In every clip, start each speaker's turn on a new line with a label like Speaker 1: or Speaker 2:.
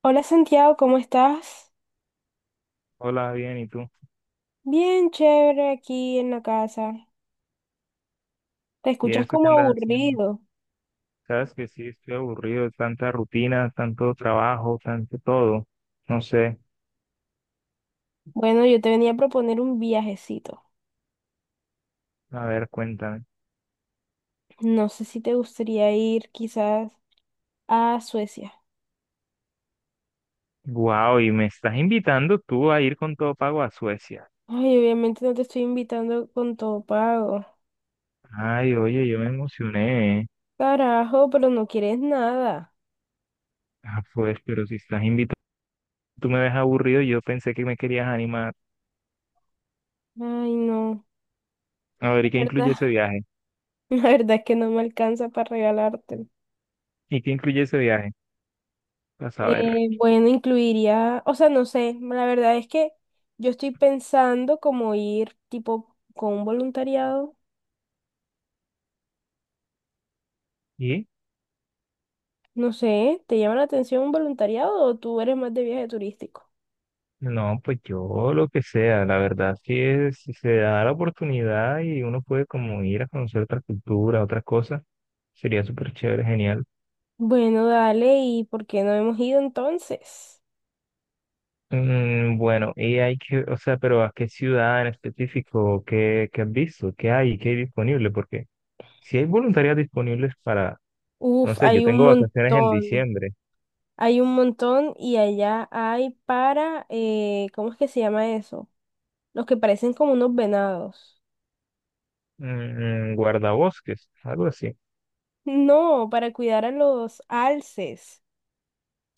Speaker 1: Hola Santiago, ¿cómo estás?
Speaker 2: Hola, bien, ¿y tú?
Speaker 1: Bien chévere aquí en la casa. Te
Speaker 2: ¿Y
Speaker 1: escuchas
Speaker 2: eso qué
Speaker 1: como
Speaker 2: andas haciendo?
Speaker 1: aburrido.
Speaker 2: Sabes que sí, estoy aburrido, de tanta rutina, tanto trabajo, tanto todo. No sé,
Speaker 1: Bueno, yo te venía a proponer un viajecito.
Speaker 2: a ver, cuéntame.
Speaker 1: No sé si te gustaría ir quizás a Suecia.
Speaker 2: Wow, y me estás invitando tú a ir con todo pago a Suecia.
Speaker 1: Ay, obviamente no te estoy invitando con todo pago.
Speaker 2: Ay, oye, yo me emocioné.
Speaker 1: Carajo, pero no quieres nada.
Speaker 2: Ah, pues, pero si estás invitando, tú me ves aburrido, yo pensé que me querías animar.
Speaker 1: Ay, no.
Speaker 2: A ver,
Speaker 1: La
Speaker 2: ¿y qué
Speaker 1: verdad,
Speaker 2: incluye ese viaje?
Speaker 1: la verdad es que no me alcanza para regalarte.
Speaker 2: ¿Y qué incluye ese viaje? A saber.
Speaker 1: Bueno, incluiría, o sea, no sé, la verdad es que yo estoy pensando como ir tipo con un voluntariado.
Speaker 2: ¿Y?
Speaker 1: No sé, ¿te llama la atención un voluntariado o tú eres más de viaje turístico?
Speaker 2: No, pues yo lo que sea, la verdad, sí es, si se da la oportunidad y uno puede como ir a conocer otra cultura, otras cosas, sería súper chévere, genial.
Speaker 1: Bueno, dale, ¿y por qué no hemos ido entonces?
Speaker 2: Mm, bueno, y hay que, o sea, pero ¿a qué ciudad en específico? ¿Qué, qué has visto? ¿Qué hay? ¿Qué hay disponible? Porque si hay voluntarias disponibles para, no
Speaker 1: Uf,
Speaker 2: sé, yo tengo vacaciones en diciembre.
Speaker 1: hay un montón y allá hay para, ¿cómo es que se llama eso? Los que parecen como unos venados.
Speaker 2: Mm, mm, guardabosques, algo así.
Speaker 1: No, para cuidar a los alces.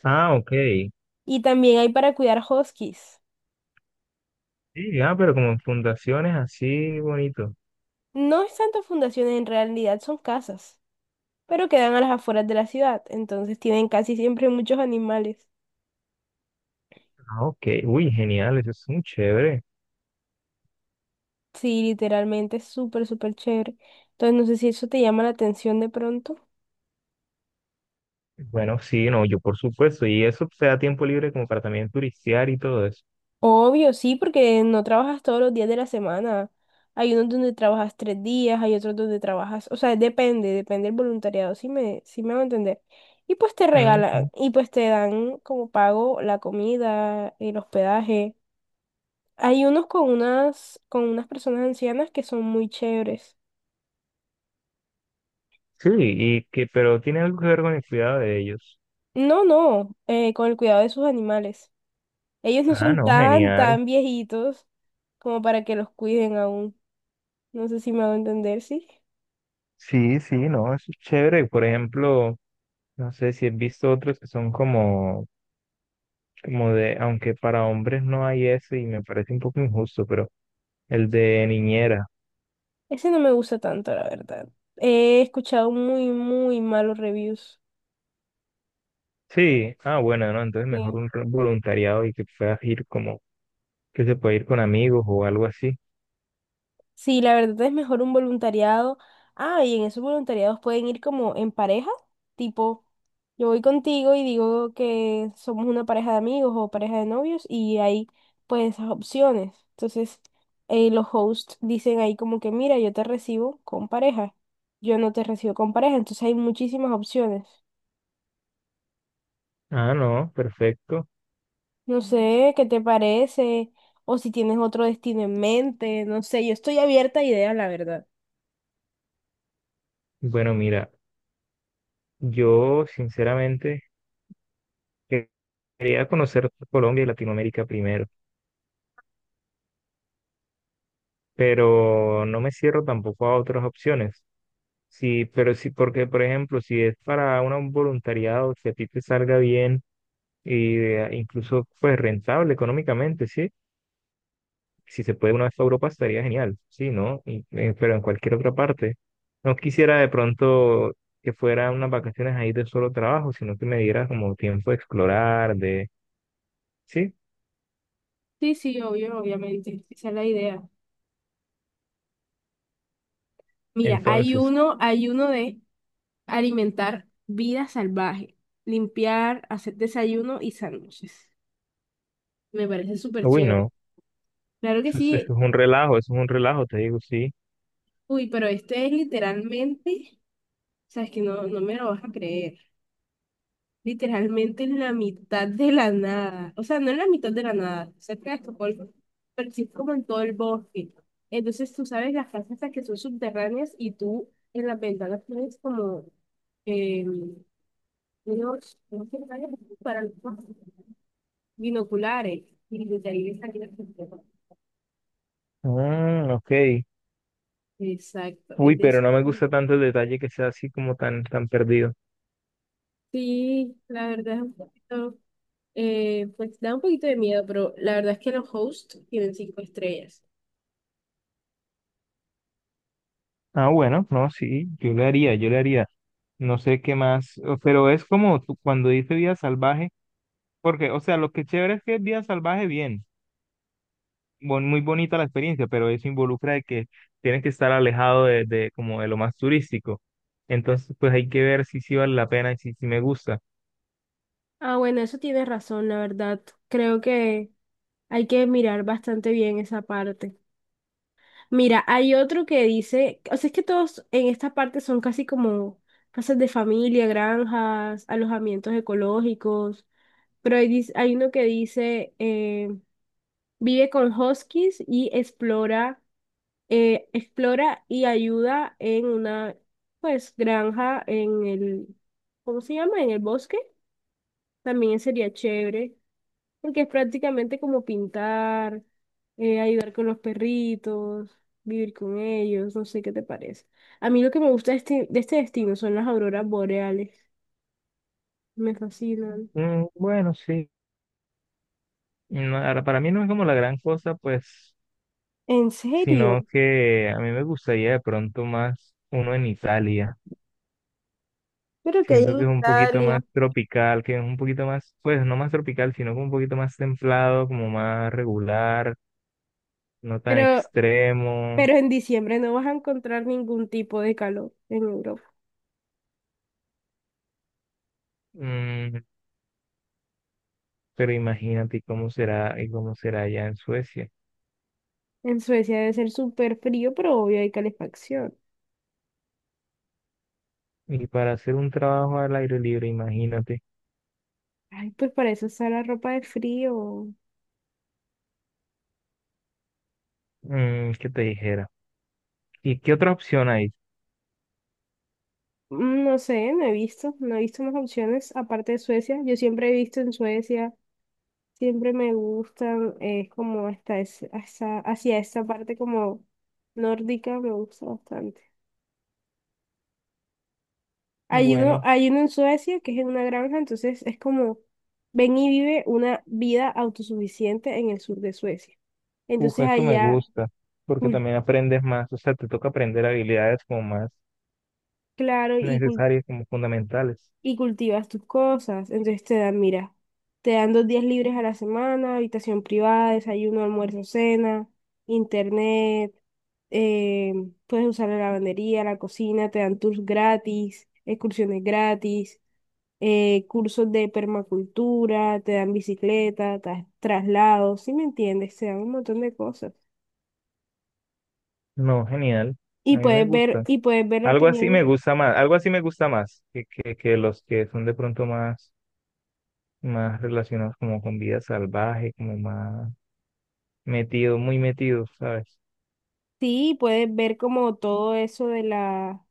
Speaker 2: Ah, ok.
Speaker 1: Y también hay para cuidar huskies.
Speaker 2: Sí, ah, pero como en fundaciones así bonito.
Speaker 1: No es tanto fundaciones, en realidad son casas, pero quedan a las afueras de la ciudad, entonces tienen casi siempre muchos animales.
Speaker 2: Ah, ok, uy, genial, eso es muy chévere.
Speaker 1: Sí, literalmente es súper, súper chévere. Entonces no sé si eso te llama la atención de pronto.
Speaker 2: Bueno, sí, no, yo por supuesto, y eso te da tiempo libre como para también turistear y todo eso.
Speaker 1: Obvio, sí, porque no trabajas todos los días de la semana. Hay unos donde trabajas 3 días, hay otros donde trabajas, o sea, depende, depende del voluntariado, si me va a entender. Y pues te regalan,
Speaker 2: Ujú.
Speaker 1: y pues te dan como pago la comida, el hospedaje. Hay unos con unas personas ancianas que son muy chéveres.
Speaker 2: Sí, y que, pero tiene algo que ver con el cuidado de ellos.
Speaker 1: No, no, con el cuidado de sus animales. Ellos no
Speaker 2: Ah,
Speaker 1: son
Speaker 2: no,
Speaker 1: tan,
Speaker 2: genial.
Speaker 1: tan viejitos como para que los cuiden aún. No sé si me hago entender, sí.
Speaker 2: Sí, sí, no, eso es chévere. Por ejemplo, no sé si has visto otros que son como, como de, aunque para hombres no hay eso y me parece un poco injusto, pero el de niñera.
Speaker 1: Ese no me gusta tanto, la verdad. He escuchado muy, muy malos reviews.
Speaker 2: Sí, ah, bueno, no, entonces mejor
Speaker 1: Sí.
Speaker 2: un voluntariado y que puedas ir como que se puede ir con amigos o algo así.
Speaker 1: Sí, la verdad es mejor un voluntariado. Ah, y en esos voluntariados pueden ir como en pareja, tipo, yo voy contigo y digo que somos una pareja de amigos o pareja de novios y hay pues esas opciones. Entonces, los hosts dicen ahí como que, mira, yo te recibo con pareja, yo no te recibo con pareja, entonces hay muchísimas opciones.
Speaker 2: Ah, no, perfecto.
Speaker 1: No sé, ¿qué te parece? O si tienes otro destino en mente, no sé, yo estoy abierta a ideas, la verdad.
Speaker 2: Bueno, mira, yo sinceramente que- quería conocer Colombia y Latinoamérica primero, pero no me cierro tampoco a otras opciones. Sí, pero sí, porque por ejemplo, si es para un voluntariado, si a ti te salga bien y incluso pues rentable económicamente, ¿sí? Si se puede una vez a Europa, estaría genial, sí, ¿no? Pero en cualquier otra parte. No quisiera de pronto que fuera unas vacaciones ahí de solo trabajo, sino que me diera como tiempo de explorar, de... Sí,
Speaker 1: Sí, sí, obvio, obviamente, esa es la idea. Mira,
Speaker 2: entonces,
Speaker 1: hay uno de alimentar vida salvaje, limpiar, hacer desayuno y sándwiches. Me parece súper
Speaker 2: uy,
Speaker 1: chévere.
Speaker 2: no,
Speaker 1: Claro que
Speaker 2: eso es
Speaker 1: sí.
Speaker 2: un relajo, eso es un relajo, te digo, sí.
Speaker 1: Uy, pero este es literalmente, o sea, es que no, no me lo vas a creer. Literalmente en la mitad de la nada. O sea, no en la mitad de la nada, cerca de Estocolmo, pero sí como en todo el bosque. Entonces tú sabes las casas estas que son subterráneas y tú en las ventanas tienes como, em, unos para los binoculares. Y desde ahí le salía el sistema.
Speaker 2: Mm, ok.
Speaker 1: Exacto.
Speaker 2: Uy, pero no me gusta tanto el detalle que sea así como tan, tan perdido.
Speaker 1: Sí, la verdad es un poquito, pues da un poquito de miedo, pero la verdad es que los hosts tienen 5 estrellas.
Speaker 2: Ah, bueno, no, sí, yo le haría, yo le haría. No sé qué más, pero es como cuando dice vida salvaje. Porque, o sea, lo que chévere es que es vida salvaje, bien, muy bonita la experiencia, pero eso involucra de que tienes que estar alejado de, como de lo más turístico. Entonces, pues hay que ver si sí vale la pena y si, si me gusta.
Speaker 1: Ah, bueno, eso tienes razón, la verdad. Creo que, Hay que mirar bastante bien esa parte. Mira, hay otro que dice, o sea, es que todos en esta parte son casi como casas de familia, granjas, alojamientos ecológicos, pero hay, hay uno que dice, vive con huskies y explora, explora y ayuda en una, pues, granja en el, ¿cómo se llama? En el bosque. También sería chévere. Porque es prácticamente como pintar, ayudar con los perritos, vivir con ellos, no sé qué te parece. A mí lo que me gusta de este destino son las auroras boreales, me fascinan.
Speaker 2: Mm, bueno, sí. No, ahora, para mí no es como la gran cosa, pues,
Speaker 1: ¿En serio?
Speaker 2: sino que a mí me gustaría de pronto más uno en Italia.
Speaker 1: Pero que hay
Speaker 2: Siento
Speaker 1: en
Speaker 2: que es un poquito
Speaker 1: Italia.
Speaker 2: más tropical, que es un poquito más, pues, no más tropical, sino como un poquito más templado, como más regular, no tan
Speaker 1: Pero,
Speaker 2: extremo.
Speaker 1: pero en diciembre no vas a encontrar ningún tipo de calor en Europa.
Speaker 2: Mm, pero imagínate cómo será y cómo será allá en Suecia.
Speaker 1: En Suecia debe ser súper frío, pero obvio hay calefacción.
Speaker 2: Y para hacer un trabajo al aire libre, imagínate,
Speaker 1: Ay, pues para eso está la ropa de frío.
Speaker 2: mm, qué te dijera. ¿Y qué otra opción hay?
Speaker 1: No sé, no he visto, no he visto más opciones aparte de Suecia. Yo siempre he visto en Suecia, siempre me gustan, es como hacia esa parte como nórdica, me gusta bastante.
Speaker 2: Bueno,
Speaker 1: Hay uno en Suecia que es en una granja, entonces es como ven y vive una vida autosuficiente en el sur de Suecia.
Speaker 2: uf,
Speaker 1: Entonces
Speaker 2: eso me
Speaker 1: allá,
Speaker 2: gusta, porque
Speaker 1: cul-
Speaker 2: también aprendes más, o sea, te toca aprender habilidades como más
Speaker 1: claro,
Speaker 2: necesarias, como fundamentales.
Speaker 1: y cultivas tus cosas. Entonces te dan, mira, te dan 2 días libres a la semana, habitación privada, desayuno, almuerzo, cena, internet, eh, puedes usar la lavandería, la cocina, te dan tours gratis, excursiones gratis, cursos de permacultura, te dan bicicleta, traslados, ¿si me entiendes? Te dan un montón de cosas.
Speaker 2: No, genial, a mí me gusta.
Speaker 1: Y puedes ver la
Speaker 2: Algo así me
Speaker 1: opinión,
Speaker 2: gusta más, algo así me gusta más que los que son de pronto más, más relacionados como con vida salvaje, como más metido, muy metido, ¿sabes?
Speaker 1: sí, puedes ver como todo eso de la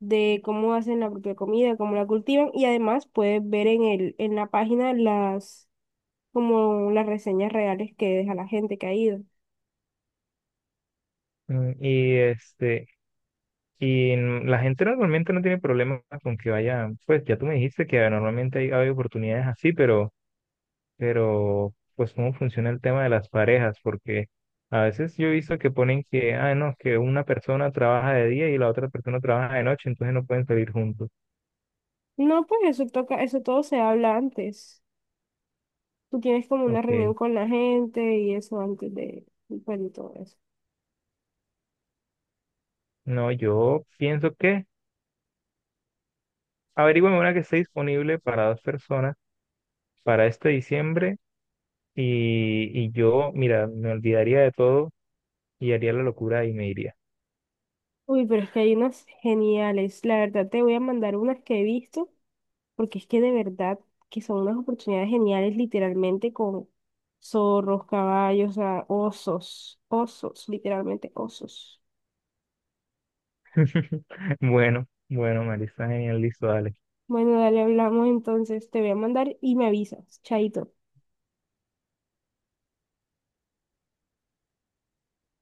Speaker 1: de cómo hacen la propia comida, cómo la cultivan y además puedes ver en el, en la página las, como las reseñas reales que deja la gente que ha ido.
Speaker 2: Mm, y este, la gente normalmente no tiene problemas con que vayan, pues ya tú me dijiste que normalmente hay, hay oportunidades así, pero, pues cómo funciona el tema de las parejas, porque a veces yo he visto que ponen que, ah, no, que una persona trabaja de día y la otra persona trabaja de noche, entonces no pueden salir juntos.
Speaker 1: No, pues eso toca, eso todo se habla antes. Tú tienes como una reunión
Speaker 2: Ok,
Speaker 1: con la gente y eso antes de, pues, de todo eso.
Speaker 2: no, yo pienso que averigüen una que esté disponible para dos personas para este diciembre y yo, mira, me olvidaría de todo y haría la locura y me iría.
Speaker 1: Uy, pero es que hay unas geniales. La verdad, te voy a mandar unas que he visto porque es que de verdad que son unas oportunidades geniales literalmente con zorros, caballos, o sea, osos, osos, literalmente osos.
Speaker 2: Bueno, bueno, Marisa, genial, listo, dale.
Speaker 1: Bueno, dale, hablamos entonces, te voy a mandar y me avisas, chaito.